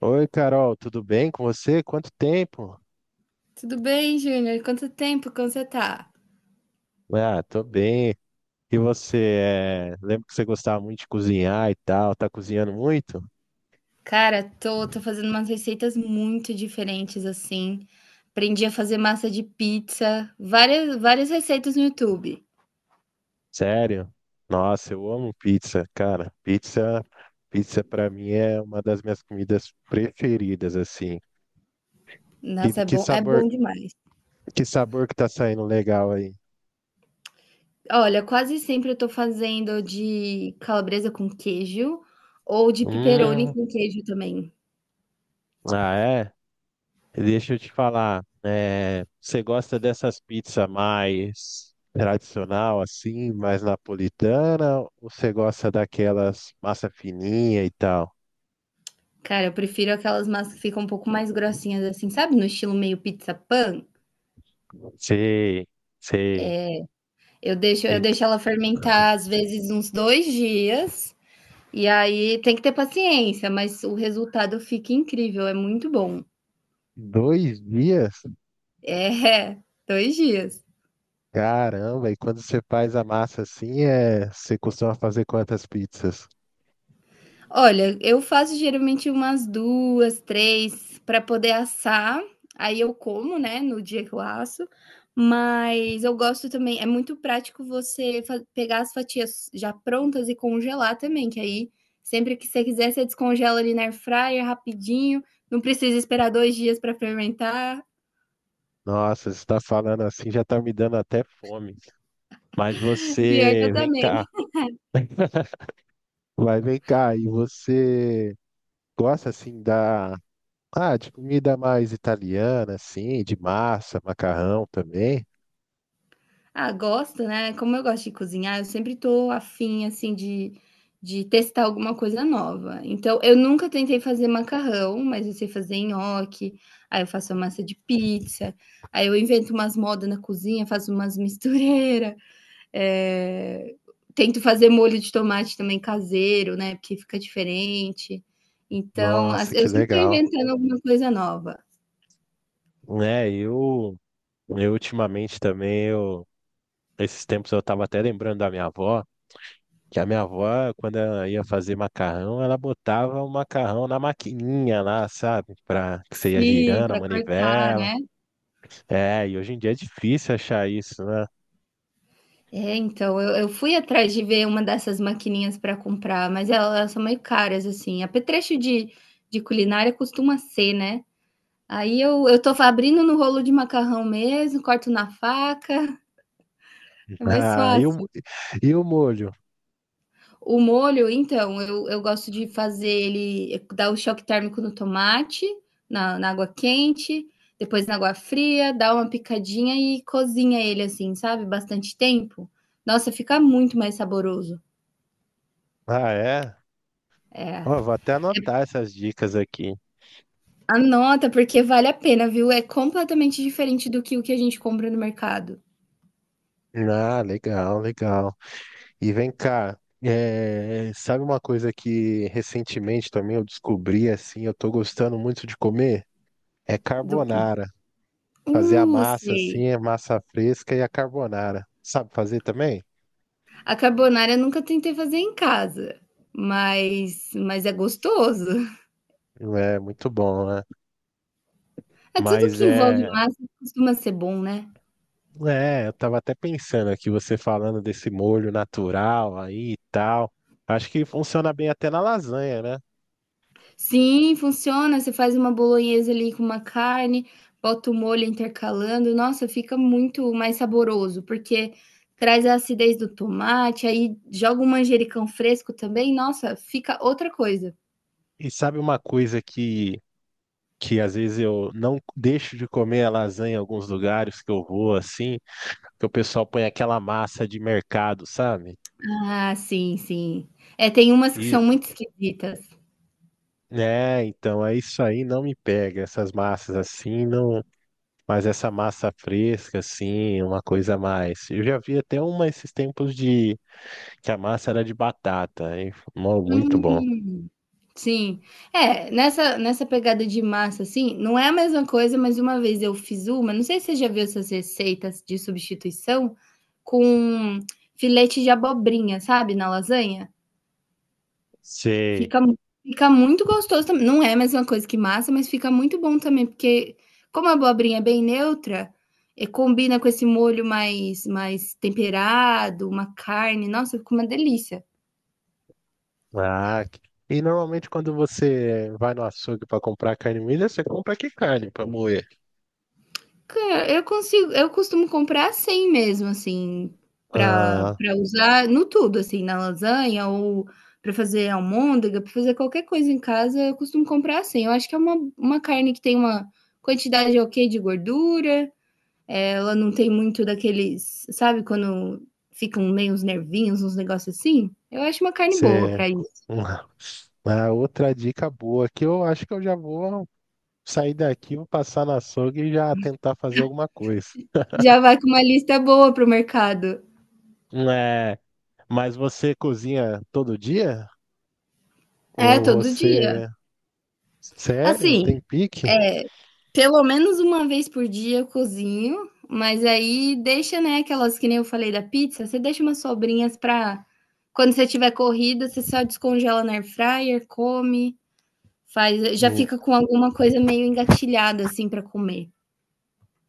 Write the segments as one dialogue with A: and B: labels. A: Oi, Carol, tudo bem com você? Quanto tempo?
B: Tudo bem, Júnior? Quanto tempo? Como você tá?
A: Ah, tô bem. E você, lembro que você gostava muito de cozinhar e tal, tá cozinhando muito?
B: Cara, tô fazendo umas receitas muito diferentes assim. Aprendi a fazer massa de pizza, várias, várias receitas no YouTube.
A: Sério? Nossa, eu amo pizza, cara. Pizza para mim é uma das minhas comidas preferidas, assim. Que,
B: Nossa,
A: que
B: é
A: sabor,
B: bom demais.
A: que sabor que tá saindo legal aí?
B: Olha, quase sempre eu tô fazendo de calabresa com queijo ou de pepperoni
A: Hum,
B: com queijo também.
A: ah, é? Deixa eu te falar, você gosta dessas pizzas mais tradicional, assim, mais napolitana, ou você gosta daquelas massa fininha e tal?
B: Cara, eu prefiro aquelas massas que ficam um pouco mais grossinhas assim, sabe? No estilo meio pizza pan.
A: Sei, sei.
B: Eu deixo, eu
A: Em
B: deixo ela fermentar às vezes uns dois dias. E aí tem que ter paciência, mas o resultado fica incrível, é muito bom.
A: dois dias?
B: É, 2 dias.
A: Caramba, e quando você faz a massa assim, você costuma fazer quantas pizzas?
B: Olha, eu faço geralmente umas 2, 3 para poder assar, aí eu como, né, no dia que eu asso, mas eu gosto também é muito prático você fa pegar as fatias já prontas e congelar também, que aí sempre que você quiser, você descongela ali na air fryer rapidinho, não precisa esperar 2 dias para fermentar.
A: Nossa, você está falando assim, já está me dando até fome. Mas
B: Pior que eu
A: você, vem cá,
B: também.
A: vem cá, e você gosta assim de comida mais italiana, assim, de massa, macarrão também?
B: Ah, gosto, né. Como eu gosto de cozinhar, eu sempre tô afim, assim, de testar alguma coisa nova. Então, eu nunca tentei fazer macarrão, mas eu sei fazer nhoque, aí eu faço a massa de pizza, aí eu invento umas modas na cozinha, faço umas mistureira, eh, tento fazer molho de tomate também caseiro, né, porque fica diferente. Então,
A: Nossa,
B: as
A: que
B: eu sempre tô
A: legal.
B: inventando alguma coisa nova.
A: É, eu, eu ultimamente também, esses tempos eu tava até lembrando da minha avó, que a minha avó, quando ela ia fazer macarrão, ela botava o macarrão na maquininha lá, sabe? Pra que você ia
B: Sim,
A: girando a
B: para cortar,
A: manivela.
B: né.
A: É, e hoje em dia é difícil achar isso, né?
B: É, então, eu fui atrás de ver uma dessas maquininhas para comprar, mas el elas são meio caras, assim. Apetrecho de culinária costuma ser, né. Aí eu tô abrindo no rolo de macarrão mesmo, corto na faca, é mais
A: Ah, e o,
B: fácil.
A: e o molho?
B: O molho, então, eu gosto de fazer ele dar o choque térmico no tomate, na água quente, depois na água fria, dá uma picadinha e cozinha ele, assim, sabe, bastante tempo. Nossa, fica muito mais saboroso.
A: Ah, é? Ó, vou até anotar essas dicas aqui.
B: Anota, porque vale a pena, viu? É completamente diferente do que o que a gente compra no mercado.
A: Ah, legal, legal. E vem cá, sabe uma coisa que recentemente também eu descobri, assim, eu tô gostando muito de comer? É
B: Do...
A: carbonara. Fazer a massa,
B: Sei.
A: assim, a massa fresca e a carbonara. Sabe fazer também?
B: A carbonara eu nunca tentei fazer em casa, mas é gostoso.
A: É muito bom, né?
B: É tudo
A: Mas
B: que envolve
A: é,
B: massa costuma ser bom, né?
A: eu tava até pensando aqui, você falando desse molho natural aí e tal. Acho que funciona bem até na lasanha, né?
B: Sim, funciona. Você faz uma bolonhesa ali com uma carne, bota o molho intercalando. Nossa, fica muito mais saboroso, porque traz a acidez do tomate, aí joga um manjericão fresco também. Nossa, fica outra coisa.
A: E sabe uma coisa que às vezes eu não deixo de comer a lasanha em alguns lugares que eu vou assim, que o pessoal põe aquela massa de mercado, sabe?
B: Ah, sim, sim. É, tem umas que
A: E,
B: são muito esquisitas.
A: né, então é isso aí, não me pega essas massas assim, não, mas essa massa fresca assim, uma coisa a mais. Eu já vi até uma esses tempos de que a massa era de batata, hein? Mó, muito bom.
B: Hum, sim. É, nessa pegada de massa, assim, não é a mesma coisa, mas uma vez eu fiz uma, não sei se você já viu essas receitas de substituição, com filete de abobrinha, sabe, na lasanha?
A: Sei.
B: Fica mu- fica muito gostoso também. Não é a mesma coisa que massa, mas fica muito bom também, porque como a abobrinha é bem neutra, combina com esse molho mais temperado, uma carne, nossa, fica uma delícia.
A: Ah, que- e normalmente quando você vai no açougue para comprar carne moída, você compra que carne para moer?
B: Cara, eu costumo comprar assim mesmo, assim,
A: Ah,
B: para usar no tudo, assim, na lasanha ou para fazer almôndega, para fazer qualquer coisa em casa, eu costumo comprar assim. Eu acho que é uma carne que tem uma quantidade ok de gordura. É, ela não tem muito daqueles. Sabe quando ficam meio os nervinhos, uns negócios assim? Eu acho uma carne boa
A: você...
B: para isso.
A: Ah, outra dica boa que eu acho que eu já vou sair daqui, vou passar no açougue e já tentar fazer alguma coisa.
B: Já vai com uma lista boa pro mercado.
A: É, mas você cozinha todo dia?
B: É,
A: Ou
B: todo dia.
A: você... Sério?
B: Assim,
A: Tem pique?
B: pelo menos uma vez por dia eu cozinho, mas aí deixa, né, aquelas que nem eu falei da pizza, você deixa umas sobrinhas pra. Quando você tiver corrida, você só descongela na air fryer, come, faz, já
A: Hum,
B: fica com alguma coisa meio engatilhada assim para comer.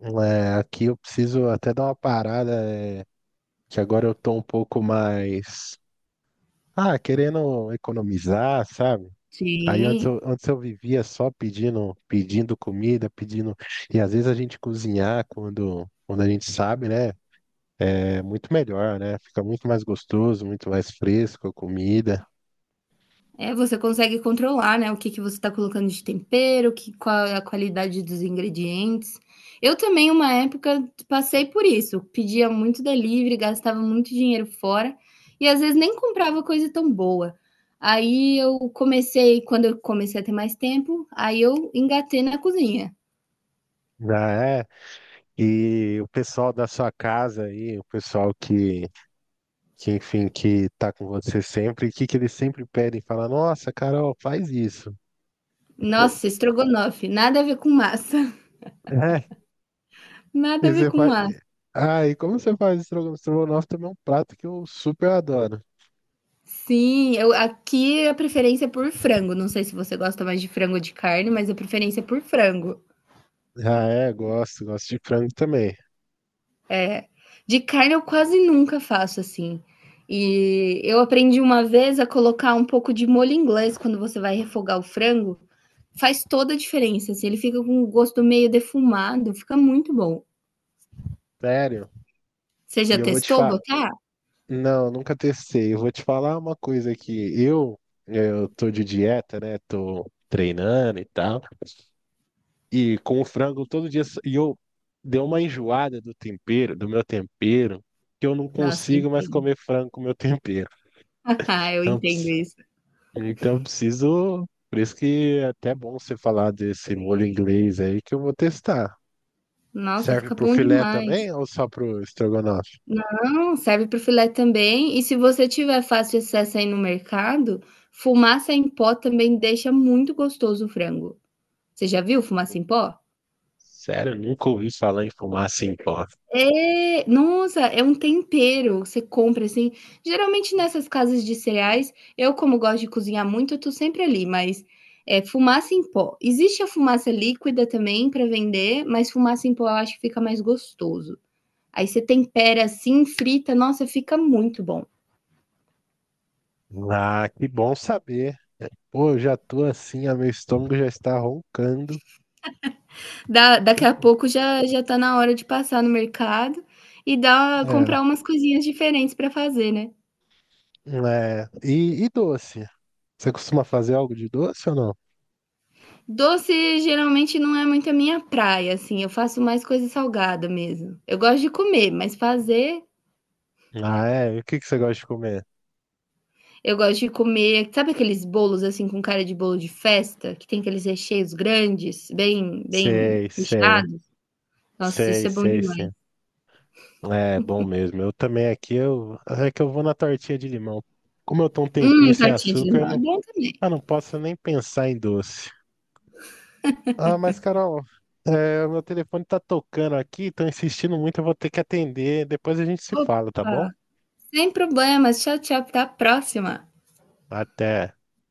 A: É, aqui eu preciso até dar uma parada, que agora eu tô um pouco mais... Ah, querendo economizar, sabe?
B: Sim.
A: Antes eu vivia só pedindo, pedindo comida, pedindo. E às vezes a gente cozinhar quando a gente sabe, né? É muito melhor, né? Fica muito mais gostoso, muito mais fresco a comida.
B: É, você consegue controlar, né, o que você está colocando de tempero, que, qual é a qualidade dos ingredientes. Eu também, uma época, passei por isso. Pedia muito delivery, gastava muito dinheiro fora e às vezes nem comprava coisa tão boa. Aí eu comecei, quando eu comecei a ter mais tempo, aí eu engatei na cozinha.
A: Já é. E o pessoal da sua casa aí, o pessoal que enfim, que tá com você sempre, o que que eles sempre pedem? Fala, nossa, Carol, faz isso.
B: Nossa, estrogonofe, nada a ver com massa, nada a
A: E
B: ver
A: você
B: com
A: faz...
B: massa.
A: Ah, e como você faz estrogonofe? Estrogonofe também é um prato que eu super adoro.
B: Sim, eu, aqui a preferência é por frango. Não sei se você gosta mais de frango ou de carne, mas a preferência é por frango.
A: Ah, é, gosto de frango também.
B: De carne eu quase nunca faço assim. E eu aprendi uma vez a colocar um pouco de molho inglês quando você vai refogar o frango. Faz toda a diferença. Assim, ele fica com um gosto meio defumado, fica muito bom.
A: Sério?
B: Você já
A: E eu vou te
B: testou
A: falar.
B: botar?
A: Não, nunca testei. Eu vou te falar uma coisa aqui. Eu tô de dieta, né? Tô treinando e tal. E com o frango todo dia. E eu dei uma enjoada do meu tempero, que eu não
B: Nossa, eu
A: consigo mais
B: entendo.
A: comer frango com meu tempero.
B: Eu
A: Então,
B: entendo isso.
A: Então eu preciso. Por isso que é até bom você falar desse molho inglês aí que eu vou testar.
B: Nossa,
A: Serve
B: fica
A: pro
B: bom
A: filé
B: demais.
A: também ou só pro estrogonofe?
B: Não, serve para o filé também. E se você tiver fácil acesso aí no mercado, fumaça em pó também deixa muito gostoso o frango. Você já viu fumaça em pó?
A: Sério, eu nunca ouvi falar em fumaça em pó.
B: É, nossa, é um tempero. Você compra assim. Geralmente nessas casas de cereais, eu como gosto de cozinhar muito, eu tô sempre ali, mas é fumaça em pó. Existe a fumaça líquida também para vender, mas fumaça em pó eu acho que fica mais gostoso. Aí você tempera assim, frita, nossa, fica muito bom.
A: Ah, que bom saber. Pô, eu já tô assim, ah, meu estômago já está roncando.
B: Daqui a pouco já tá na hora de passar no mercado e dar comprar
A: É,
B: umas coisinhas diferentes para fazer, né.
A: é. E doce? Você costuma fazer algo de doce ou não?
B: Doce geralmente não é muito a minha praia, assim, eu faço mais coisa salgada mesmo. Eu gosto de comer, mas fazer,
A: Ah, é? E o que que você gosta de comer?
B: eu gosto de comer, sabe aqueles bolos, assim, com cara de bolo de festa, que tem aqueles recheios grandes, bem
A: Sei, sei.
B: recheados? Nossa,
A: Sei,
B: isso é bom
A: sei,
B: demais.
A: sim. É bom mesmo. Eu também aqui, eu, é que eu vou na tortinha de limão. Como eu tô um tempinho sem
B: Tortinha de
A: açúcar, eu
B: limão é
A: não,
B: bom também.
A: ah, não posso nem pensar em doce. Ah, mas Carol, o meu telefone tá tocando aqui, tô insistindo muito, eu vou ter que atender. Depois a gente se fala, tá bom?
B: Opa, sem problemas. Tchau, tchau, até a próxima.
A: Até.